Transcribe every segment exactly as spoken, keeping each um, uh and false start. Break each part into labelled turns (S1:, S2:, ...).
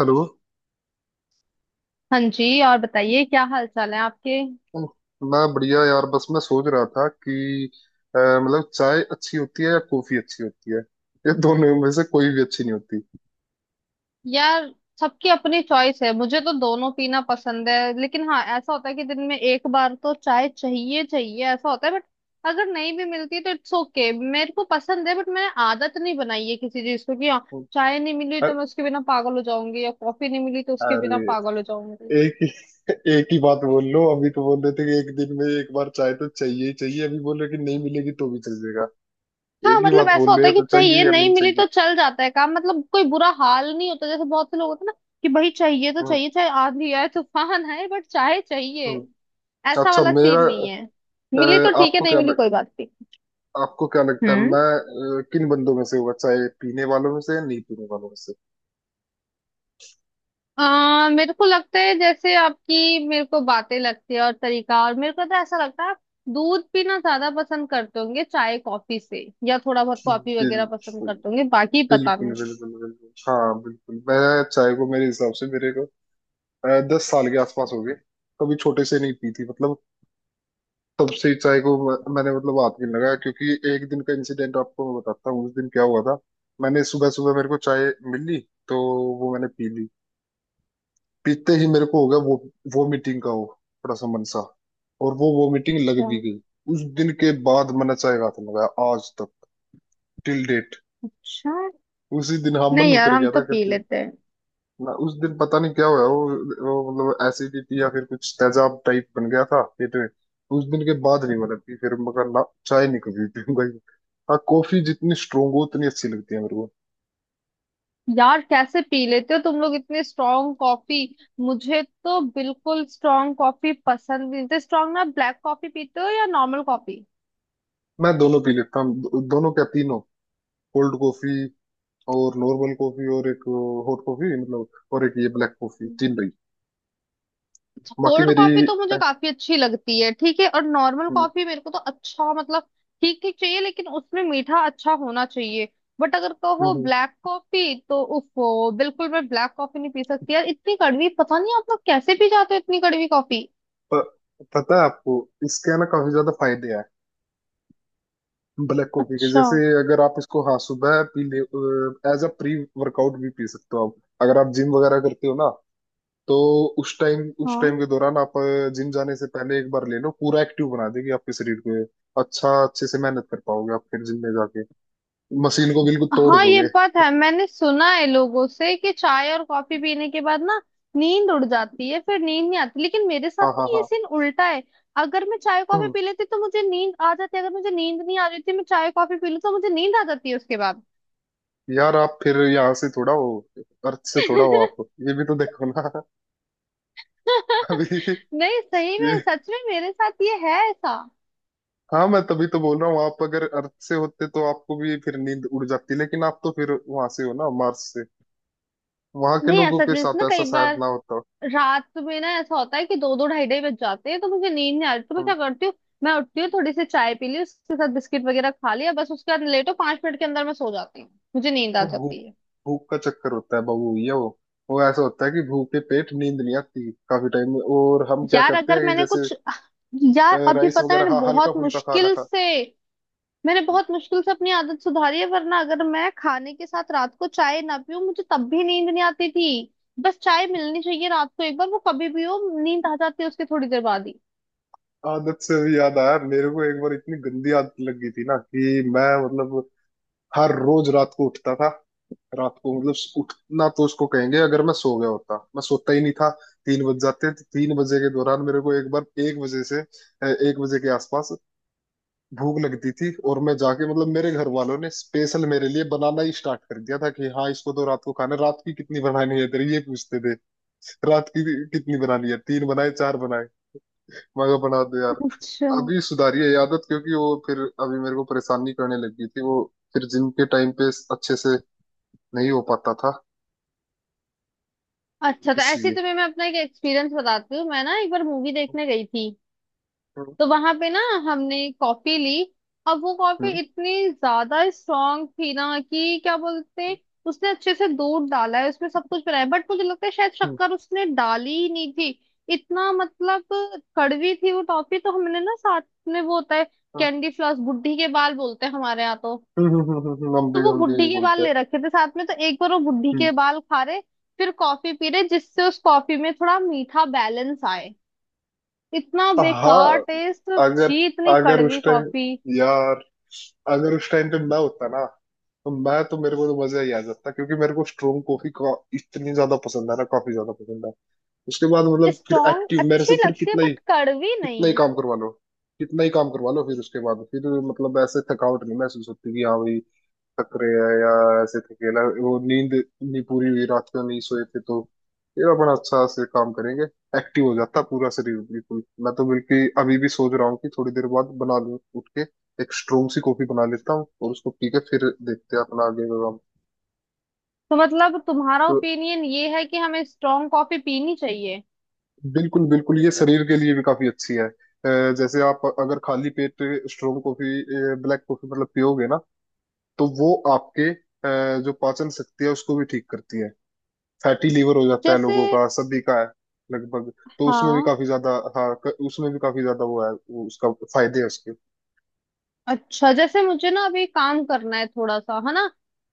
S1: Hello.
S2: हाँ जी, और बताइए क्या हाल चाल है आपके।
S1: मैं बढ़िया यार। बस मैं सोच रहा था कि अ, मतलब चाय अच्छी होती है या कॉफी अच्छी होती है। ये दोनों में से कोई भी अच्छी नहीं होती।
S2: यार, सबकी अपनी चॉइस है, मुझे तो दोनों पीना पसंद है। लेकिन हाँ, ऐसा होता है कि दिन में एक बार तो चाय चाहिए चाहिए ऐसा होता है। बट अगर नहीं भी मिलती तो इट्स ओके okay। मेरे को पसंद है, बट मैंने आदत नहीं बनाई है किसी चीज को कि हाँ, चाय नहीं मिली तो
S1: अ-
S2: मैं उसके बिना पागल हो जाऊंगी, या कॉफी नहीं मिली तो उसके बिना
S1: अरे
S2: पागल हो जाऊंगी।
S1: एक ही एक ही बात बोल लो। अभी तो बोल रहे थे कि एक दिन में एक बार चाय तो चाहिए ही चाहिए, अभी बोल रहे कि नहीं मिलेगी तो भी चल जाएगा।
S2: हाँ
S1: एक ही
S2: मतलब
S1: बात
S2: ऐसा
S1: बोल रहे
S2: होता है
S1: हैं
S2: कि
S1: तो
S2: चाहिए,
S1: चाहिए या
S2: नहीं
S1: नहीं
S2: मिली
S1: चाहिए?
S2: तो चल जाता है काम। मतलब कोई बुरा हाल नहीं होता, जैसे बहुत से लोग होते हैं ना कि भाई चाहिए तो
S1: हम्म
S2: चाहिए, चाहे आंधी आए तूफान आए, बट चाहे चाहिए।
S1: हम्म।
S2: ऐसा
S1: अच्छा।
S2: वाला
S1: मेरा
S2: सीन नहीं है।
S1: अ,
S2: मिली तो ठीक है,
S1: आपको
S2: नहीं
S1: क्या
S2: मिली
S1: लग,
S2: कोई बात नहीं।
S1: आपको क्या लगता है
S2: हम्म।
S1: मैं अ, किन बंदों में से होगा? चाय पीने वालों में से या नहीं पीने वालों में से?
S2: आ, मेरे को लगता है जैसे आपकी मेरे को बातें लगती है और तरीका, और मेरे को तो ऐसा लगता है आप दूध पीना ज्यादा पसंद करते होंगे चाय कॉफी से, या थोड़ा बहुत कॉफी वगैरह पसंद
S1: बिल्कुल
S2: करते होंगे, बाकी पता
S1: बिल्कुल
S2: नहीं।
S1: बिल्कुल बिल्कुल हाँ बिल्कुल। मैं चाय को मेरे हिसाब से मेरे को अ, दस साल के आसपास हो गए। कभी छोटे से नहीं पी थी मतलब। तब से ही चाय को म- मैंने मतलब हाथ नहीं लगाया, क्योंकि एक दिन का इंसिडेंट आपको मैं बताता हूँ उस दिन क्या हुआ था। मैंने सुबह सुबह, मेरे को चाय मिली, तो वो मैंने पी ली। पीते ही मेरे को हो गया वो वो मीटिंग का, हो थोड़ा सा मन सा, और वो वो मीटिंग लग
S2: अच्छा
S1: भी गई। उस दिन के बाद मैंने चाय का हाथ नहीं लगाया आज तक, टिल डेट।
S2: अच्छा।
S1: उसी दिन हाँ, मन
S2: नहीं यार,
S1: उतर
S2: हम
S1: गया
S2: तो
S1: था।
S2: पी लेते हैं।
S1: मैं उस दिन पता नहीं क्या हुआ, वो, वो मतलब एसिडिटी या फिर कुछ तेजाब टाइप बन गया था पेट में। उस दिन के बाद नहीं मैंने पी, फिर मैं कहा ना चाय नहीं कभी पीऊंगा ये। हाँ कॉफी जितनी स्ट्रोंग हो उतनी अच्छी लगती है मेरे को।
S2: यार कैसे पी लेते हो तुम लोग इतनी स्ट्रांग कॉफी? मुझे तो बिल्कुल स्ट्रांग कॉफी पसंद नहीं। तो स्ट्रांग ना, ब्लैक कॉफी पीते हो या नॉर्मल कॉफी?
S1: मैं दोनों पी लेता हूँ। दो, दोनों क्या, तीनों। कोल्ड कॉफी और नॉर्मल कॉफी और एक हॉट कॉफी, मतलब और एक ये ब्लैक कॉफी, तीन भाई। बाकी
S2: कोल्ड
S1: मेरी
S2: कॉफी तो मुझे
S1: अ,
S2: काफी अच्छी लगती है, ठीक है, और नॉर्मल
S1: हम्म,
S2: कॉफी मेरे को तो अच्छा मतलब ठीक ठीक चाहिए, लेकिन उसमें मीठा अच्छा होना चाहिए। बट अगर कहो
S1: हम्म,
S2: ब्लैक कॉफी, तो उफो, बिल्कुल मैं ब्लैक कॉफी नहीं पी सकती यार। इतनी कड़वी, पता नहीं आप लोग कैसे पी जाते हो इतनी कड़वी कॉफी।
S1: प- पता है आपको, इसके है ना काफी ज्यादा फायदे हैं, ब्लैक कॉफी के।
S2: अच्छा।
S1: जैसे अगर आप इसको हाँ सुबह पी ले, एज अ प्री वर्कआउट भी पी सकते हो आप, अगर आप जिम वगैरह करते हो ना। तो उस टाइम, उस
S2: हाँ
S1: टाइम के दौरान आप जिम जाने से पहले एक बार ले लो, पूरा एक्टिव बना देगी आपके शरीर को ये। अच्छा अच्छे से मेहनत कर पाओगे आप फिर, जिम में जाके मशीन को बिल्कुल तोड़
S2: हाँ, ये
S1: दोगे।
S2: बात है। मैंने सुना है लोगों से कि चाय और कॉफी पीने के बाद ना नींद उड़ जाती है, फिर नींद नहीं आती। लेकिन मेरे साथ
S1: हाँ हाँ
S2: ना ये
S1: हाँ।
S2: सीन उल्टा है। अगर मैं चाय कॉफी
S1: हम्म,
S2: पी लेती तो मुझे नींद आ जाती। अगर मुझे नींद नहीं आ रही थी, मैं चाय कॉफी पी लूँ तो मुझे नींद आ जाती है उसके बाद।
S1: यार आप फिर यहाँ से थोड़ा हो, अर्थ से थोड़ा हो आप, ये भी तो देखो ना। अभी
S2: नहीं सही
S1: ये,
S2: में, सच में मेरे साथ ये है ऐसा।
S1: हाँ मैं तभी तो बोल रहा हूँ, आप अगर अर्थ से होते तो आपको भी फिर नींद उड़ जाती, लेकिन आप तो फिर वहां से हो ना, मार्स से, वहां के
S2: नहीं है,
S1: लोगों
S2: सच
S1: के
S2: में। इसमें
S1: साथ ऐसा
S2: कई
S1: शायद
S2: बार
S1: ना होता हो।
S2: रात में ना ऐसा होता है कि दो दो ढाई ढाई बज जाते हैं, तो मुझे नींद नहीं आ रही, तो मैं क्या
S1: हम-
S2: करती हूँ, मैं उठती हूँ, थोड़ी सी चाय पी ली, उसके साथ बिस्किट वगैरह खा लिया, बस उसके बाद लेटो, पांच मिनट के अंदर मैं सो जाती हूँ, मुझे नींद आ
S1: वो भूख,
S2: जाती है।
S1: भूख का चक्कर होता है बबू ये। वो वो ऐसा होता है कि भूखे पेट नींद नहीं आती काफी टाइम में, और हम क्या
S2: यार
S1: करते
S2: अगर
S1: हैं कि
S2: मैंने
S1: जैसे
S2: कुछ
S1: अ,
S2: यार अभी
S1: राइस
S2: पता है
S1: वगैरह,
S2: मैंने
S1: हाँ हल्का
S2: बहुत
S1: फुल्का खाना
S2: मुश्किल
S1: खाते
S2: से मैंने
S1: हैं।
S2: बहुत मुश्किल से अपनी आदत सुधारी है, वरना अगर मैं खाने के साथ रात को चाय ना पीऊं, मुझे तब भी नींद नहीं आती थी। बस चाय मिलनी चाहिए रात को एक बार, वो कभी भी हो, नींद आ जाती है उसके थोड़ी देर बाद ही।
S1: आदत से भी याद आया मेरे को, एक बार इतनी गंदी आदत लग गई थी ना कि मैं मतलब हर रोज रात को उठता था। रात को मतलब, उठना तो उसको कहेंगे अगर मैं सो गया होता, मैं सोता ही नहीं था। तीन बज जाते, तो तीन बजे के दौरान मेरे को, एक बार एक बजे से अ, एक बजे के आसपास भूख लगती थी, और मैं जाके मतलब, मेरे घर वालों ने स्पेशल मेरे लिए बनाना ही स्टार्ट कर दिया था कि हाँ, इसको तो रात को खाना है। रात की कितनी बनानी है तेरी, ये पूछते थे। रात की कितनी बनानी है, तीन बनाए चार बनाए मगर बना दो यार।
S2: अच्छा
S1: अभी सुधारी है ये आदत, क्योंकि वो फिर अभी मेरे को परेशानी करने लगी थी वो, फिर जिम के टाइम पे अच्छे से नहीं हो पाता था
S2: अच्छा। तो ऐसे ही
S1: इसलिए।
S2: तुम्हें मैं अपना एक एक्सपीरियंस बताती हूँ। मैं ना एक बार मूवी देखने गई थी,
S1: हम्म
S2: तो वहां पे ना हमने कॉफी ली। अब वो कॉफी
S1: हम्म
S2: इतनी ज्यादा स्ट्रांग थी ना कि क्या बोलते हैं, उसने अच्छे से दूध डाला है उसमें, सब कुछ बनाया, बट मुझे लगता है शायद
S1: हम्म,
S2: शक्कर उसने डाली ही नहीं थी। इतना मतलब कड़वी थी वो टॉफी, तो हमने ना साथ में, वो होता है
S1: हाँ।
S2: कैंडी फ्लॉस, बुढ़ी के बाल बोलते हैं हमारे यहाँ तो
S1: हम्म, हम्म, हम्म, हम्म, हम भी,
S2: तो वो
S1: हम भी
S2: बुढ़ी
S1: यही
S2: के बाल
S1: बोलते हैं।
S2: ले रखे थे साथ में। तो एक बार वो बुढ़ी
S1: हम्म,
S2: के बाल खा रहे, फिर कॉफी पी रहे, जिससे उस कॉफी में थोड़ा मीठा बैलेंस आए। इतना बेकार
S1: हाँ।
S2: टेस्ट,
S1: अगर
S2: छी, इतनी
S1: अगर उस
S2: कड़वी
S1: टाइम,
S2: कॉफी।
S1: यार अगर उस टाइम पे मैं होता ना, तो मैं तो, मेरे को तो मजा ही आ जाता, क्योंकि मेरे को स्ट्रोंग कॉफी का इतनी ज्यादा पसंद है ना, काफी ज्यादा पसंद है। उसके बाद मतलब फिर
S2: स्ट्रॉन्ग
S1: एक्टिव, मेरे से
S2: अच्छी
S1: फिर
S2: लगती है,
S1: कितना ही
S2: बट कड़वी
S1: कितना ही
S2: नहीं।
S1: काम करवा लो, कितना ही काम करवा लो, फिर उसके बाद फिर मतलब ऐसे थकावट नहीं महसूस होती कि हाँ भाई थक रहे हैं, या ऐसे थके ना वो नींद नहीं पूरी हुई रात को नहीं सोए थे तो। फिर अपन अच्छा से काम करेंगे, एक्टिव हो जाता पूरा शरीर बिल्कुल। मैं तो बिल्कुल अभी भी सोच रहा हूँ कि थोड़ी देर बाद बना लूं, उठ के एक स्ट्रोंग सी कॉफी बना लेता हूँ, और उसको पी के फिर देखते हैं अपना आगे का काम।
S2: तो मतलब तुम्हारा
S1: तो
S2: ओपिनियन ये है कि हमें स्ट्रॉन्ग कॉफी पीनी चाहिए?
S1: बिल्कुल बिल्कुल, ये शरीर के लिए भी काफी अच्छी है। अ, जैसे आप अगर खाली पेट स्ट्रोंग कॉफी, ब्लैक कॉफी मतलब पियोगे ना, तो वो आपके अ, जो पाचन शक्ति है उसको भी ठीक करती है। फैटी लीवर हो जाता है
S2: जैसे?
S1: लोगों का, सभी का है लगभग, तो उसमें भी
S2: हाँ।
S1: काफी ज्यादा, हाँ क- उसमें भी काफी ज्यादा वो है, वो उसका फायदे है उसके।
S2: अच्छा, जैसे मुझे ना अभी काम करना है थोड़ा सा, है ना,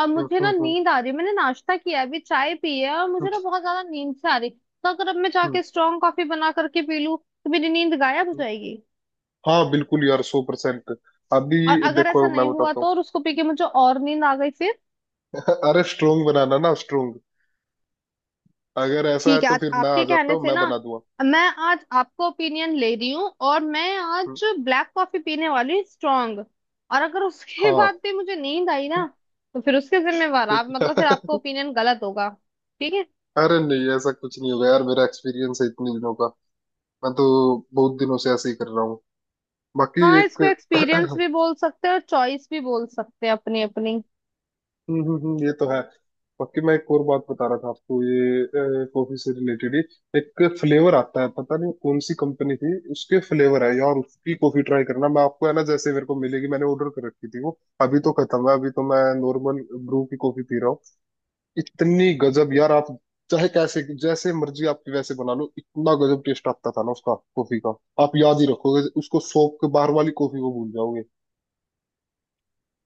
S2: और
S1: हम्म
S2: मुझे ना
S1: हम्म हम्म
S2: नींद आ रही है। मैंने नाश्ता किया है, अभी चाय पी है, और
S1: हम्म,
S2: मुझे ना बहुत ज्यादा नींद से आ रही, तो अगर अब मैं
S1: हम्म,
S2: जाके स्ट्रॉन्ग कॉफी बना करके पी लूं, तो मेरी नींद गायब हो
S1: हम्म।
S2: जाएगी।
S1: हाँ बिल्कुल यार, सौ परसेंट। अभी
S2: और अगर ऐसा
S1: देखो मैं
S2: नहीं हुआ
S1: बताता
S2: तो?
S1: हूँ।
S2: और उसको पी के मुझे और नींद आ गई फिर?
S1: अरे स्ट्रोंग बनाना ना, स्ट्रोंग। अगर ऐसा है
S2: ठीक है,
S1: तो
S2: आज
S1: फिर मैं आ
S2: आपके
S1: जाता
S2: कहने
S1: हूँ,
S2: से
S1: मैं
S2: ना,
S1: बना दूंगा।
S2: मैं, आज आपको ओपिनियन ले रही हूँ, और मैं
S1: हम्म,
S2: आज ब्लैक कॉफी पीने वाली, स्ट्रॉन्ग। और अगर उसके
S1: हाँ।
S2: बाद भी मुझे नींद आई ना, तो फिर उसके जिम्मेवार आप, मतलब फिर आपका ओपिनियन गलत होगा, ठीक है?
S1: अरे नहीं ऐसा कुछ नहीं होगा यार, मेरा एक्सपीरियंस है इतने दिनों का, मैं तो बहुत दिनों से ऐसे ही कर रहा हूँ। बाकी
S2: हाँ, इसको
S1: एक
S2: एक्सपीरियंस भी बोल सकते हैं और चॉइस भी बोल सकते हैं, अपनी अपनी।
S1: हम्म, हम्म, हम्म, ये तो है। बाकी मैं एक और बात बता रहा था आपको, ये कॉफी से रिलेटेड ही एक फ्लेवर आता है, पता नहीं कौन सी कंपनी थी उसके, फ्लेवर है यार उसकी, कॉफी ट्राई करना मैं आपको है ना, जैसे मेरे को मिलेगी। मैंने ऑर्डर कर रखी थी वो, अभी तो खत्म है, अभी तो मैं नॉर्मल ब्रू की कॉफी पी रहा हूँ। इतनी गजब यार आप चाहे कैसे, जैसे मर्जी आपकी वैसे बना लो, इतना गजब टेस्ट आता था ना उसका कॉफी का। आप याद ही रखोगे उसको, सौंफ के बाहर वाली कॉफी को भूल जाओगे।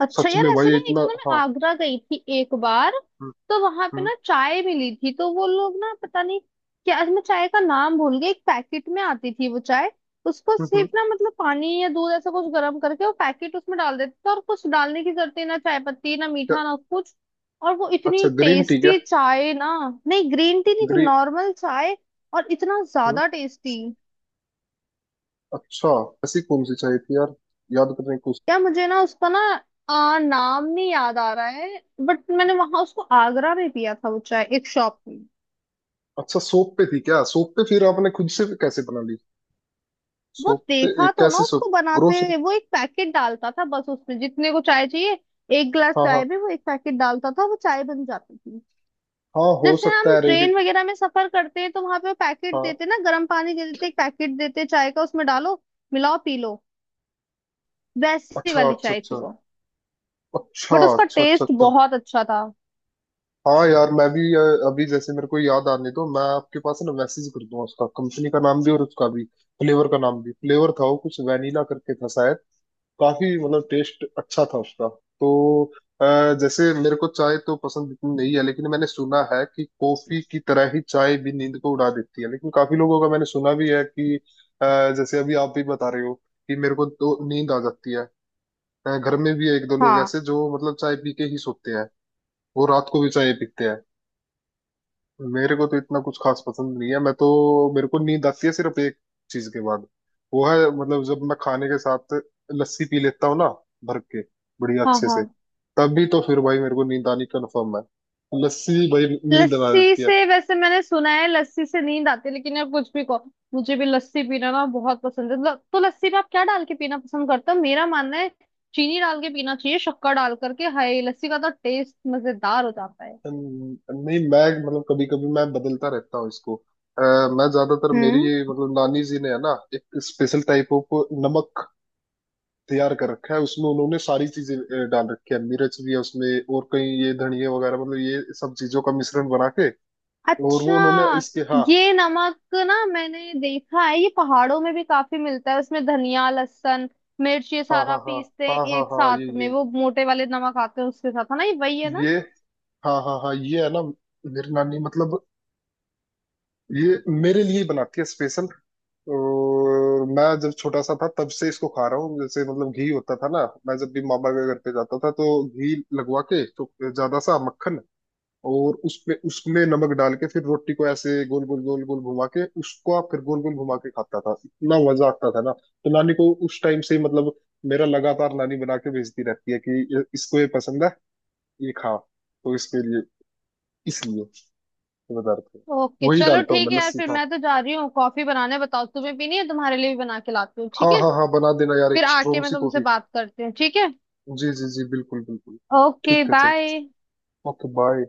S2: अच्छा
S1: सच
S2: यार,
S1: में
S2: ऐसे
S1: भाई
S2: ना, एक
S1: इतना,
S2: ना, मैं
S1: हाँ।
S2: आगरा गई थी एक बार,
S1: हम्म,
S2: तो वहां पे
S1: हम्म।
S2: ना चाय मिली थी, तो वो लोग ना पता नहीं क्या, मैं चाय का नाम भूल गई, एक पैकेट में आती थी वो चाय। उसको
S1: हम्म हम्म,
S2: सिर्फ ना मतलब पानी या दूध ऐसा कुछ गर्म करके वो पैकेट उसमें डाल देते थे, और कुछ डालने की जरूरत ही ना, चाय पत्ती ना,
S1: क्या।
S2: मीठा ना, कुछ। और वो
S1: अच्छा
S2: इतनी
S1: ग्रीन टी क्या?
S2: टेस्टी चाय ना। नहीं, ग्रीन टी नहीं थी,
S1: ग्रीन,
S2: नॉर्मल चाय, और इतना ज्यादा टेस्टी।
S1: अच्छा। ऐसी कौन सी चाय थी यार, याद करने को।
S2: क्या, मुझे ना उसका ना आ, नाम नहीं याद आ रहा है। बट मैंने वहां उसको आगरा में पिया था वो चाय, एक शॉप में।
S1: अच्छा सोप पे थी क्या? सोप पे फिर आपने खुद से कैसे बना ली?
S2: वो
S1: सोप पे,
S2: देखा
S1: एक
S2: तो ना
S1: कैसी
S2: उसको
S1: सोप,
S2: बनाते
S1: ग्रोसरी?
S2: हुए, वो एक पैकेट डालता था बस, उसमें जितने को चाय चाहिए। एक गिलास
S1: हाँ हाँ
S2: चाय में वो एक पैकेट डालता था, वो चाय बन जाती थी।
S1: हाँ, हो
S2: जैसे
S1: सकता
S2: हम
S1: है रेडी।
S2: ट्रेन वगैरह में सफर करते हैं तो वहां पे वो पैकेट
S1: हाँ
S2: देते हैं ना, गर्म पानी के देते हैं, एक पैकेट देते हैं चाय का, उसमें डालो, मिलाओ, पी लो। वैसी
S1: अच्छा
S2: वाली
S1: अच्छा
S2: चाय थी
S1: अच्छा,
S2: वो,
S1: अच्छा
S2: बट उसका
S1: अच्छा अच्छा
S2: टेस्ट
S1: अच्छा।
S2: बहुत अच्छा था।
S1: हाँ यार मैं भी अ, अभी, जैसे मेरे को याद आने दो, मैं आपके पास ना मैसेज कर दूंगा उसका कंपनी का नाम भी और उसका भी फ्लेवर का नाम भी। फ्लेवर था वो कुछ वैनिला करके था, काफी मतलब टेस्ट अच्छा था उसका तो। अ, जैसे मेरे को चाय तो पसंद इतनी नहीं है, लेकिन मैंने सुना है कि कॉफी की तरह ही चाय भी नींद को उड़ा देती है। लेकिन काफी लोगों का मैंने सुना भी है कि अ, जैसे अभी आप भी बता रहे हो कि मेरे को तो नींद आ जाती है। अ, घर में भी एक दो लोग
S2: हाँ
S1: ऐसे जो मतलब चाय पी के ही सोते हैं, वो रात को भी चाय पीते हैं। मेरे को तो इतना कुछ खास पसंद नहीं है, मैं तो, मेरे को नींद आती है सिर्फ एक चीज के बाद, वो है मतलब जब मैं खाने के साथ लस्सी पी लेता हूँ ना, भर के, बढ़िया
S2: हाँ
S1: अच्छे से,
S2: हाँ।
S1: तभी तो फिर भाई मेरे को नींद आनी कन्फर्म है। लस्सी भाई नींद ला
S2: लस्सी
S1: देती है।
S2: से वैसे मैंने सुना है लस्सी से नींद आती है, लेकिन यार कुछ भी कहो, मुझे भी लस्सी पीना ना बहुत पसंद है। ल- तो लस्सी में आप क्या डाल के पीना पसंद करते हो? मेरा मानना है चीनी डाल के पीना चाहिए, शक्कर डाल करके, हाय, लस्सी का तो टेस्ट मजेदार हो जाता है।
S1: न- नहीं मैं मतलब, कभी कभी मैं बदलता रहता हूँ इसको। अ, मैं ज्यादातर, मेरी
S2: हम्म।
S1: ये मतलब नानी जी ने है ना एक स्पेशल टाइप ऑफ नमक तैयार कर रखा है, उसमें उन्होंने सारी चीजें अ, डाल रखी है। मिर्च भी है उसमें, और कहीं ये धनिया वगैरह, मतलब ये सब चीजों का मिश्रण बना के, और
S2: अच्छा,
S1: वो उन्होंने इसके, हाँ।
S2: ये नमक ना मैंने देखा है, ये पहाड़ों में भी काफी मिलता है। उसमें धनिया, लहसुन, मिर्च, ये
S1: हाँ
S2: सारा
S1: हाँ हाँ
S2: पीसते हैं
S1: हाँ हाँ
S2: एक
S1: हाँ ये
S2: साथ में,
S1: ये
S2: वो मोटे वाले नमक आते हैं उसके साथ, है ना, ये वही है ना।
S1: ये हाँ हाँ हाँ ये है ना, मेरी नानी मतलब ये मेरे लिए ही बनाती है स्पेशल। और मैं जब छोटा सा था तब से इसको खा रहा हूँ। जैसे मतलब घी होता था ना, मैं जब भी मामा के घर पे जाता था तो घी लगवा के, तो ज्यादा सा मक्खन, और उस पे उसमें नमक डाल के फिर रोटी को ऐसे गोल गोल गोल गोल घुमा के, उसको आप फिर गोल गोल घुमा के खाता था, इतना मजा आता था ना। तो नानी को उस टाइम से ही मतलब मेरा, लगातार नानी बना के भेजती रहती है कि ये- इसको ये पसंद है, ये खा, तो इसके लिए, इसलिए ये बता रहा था।
S2: ओके,
S1: वही
S2: चलो
S1: डालता हूँ
S2: ठीक
S1: मैं
S2: है यार,
S1: लस्सी,
S2: फिर
S1: हाँ।
S2: मैं तो जा रही हूँ कॉफी बनाने। बताओ तुम्हें पीनी है? तुम्हारे लिए भी बना के लाती हूँ,
S1: हाँ
S2: ठीक है?
S1: हाँ हाँ, बना देना यार
S2: फिर
S1: एक
S2: आके
S1: स्ट्रोंग
S2: मैं
S1: सी
S2: तुमसे
S1: कॉफी।
S2: बात करती हूँ, ठीक है।
S1: जी जी जी बिल्कुल बिल्कुल।
S2: ओके
S1: ठीक है चल,
S2: बाय।
S1: Okay bye.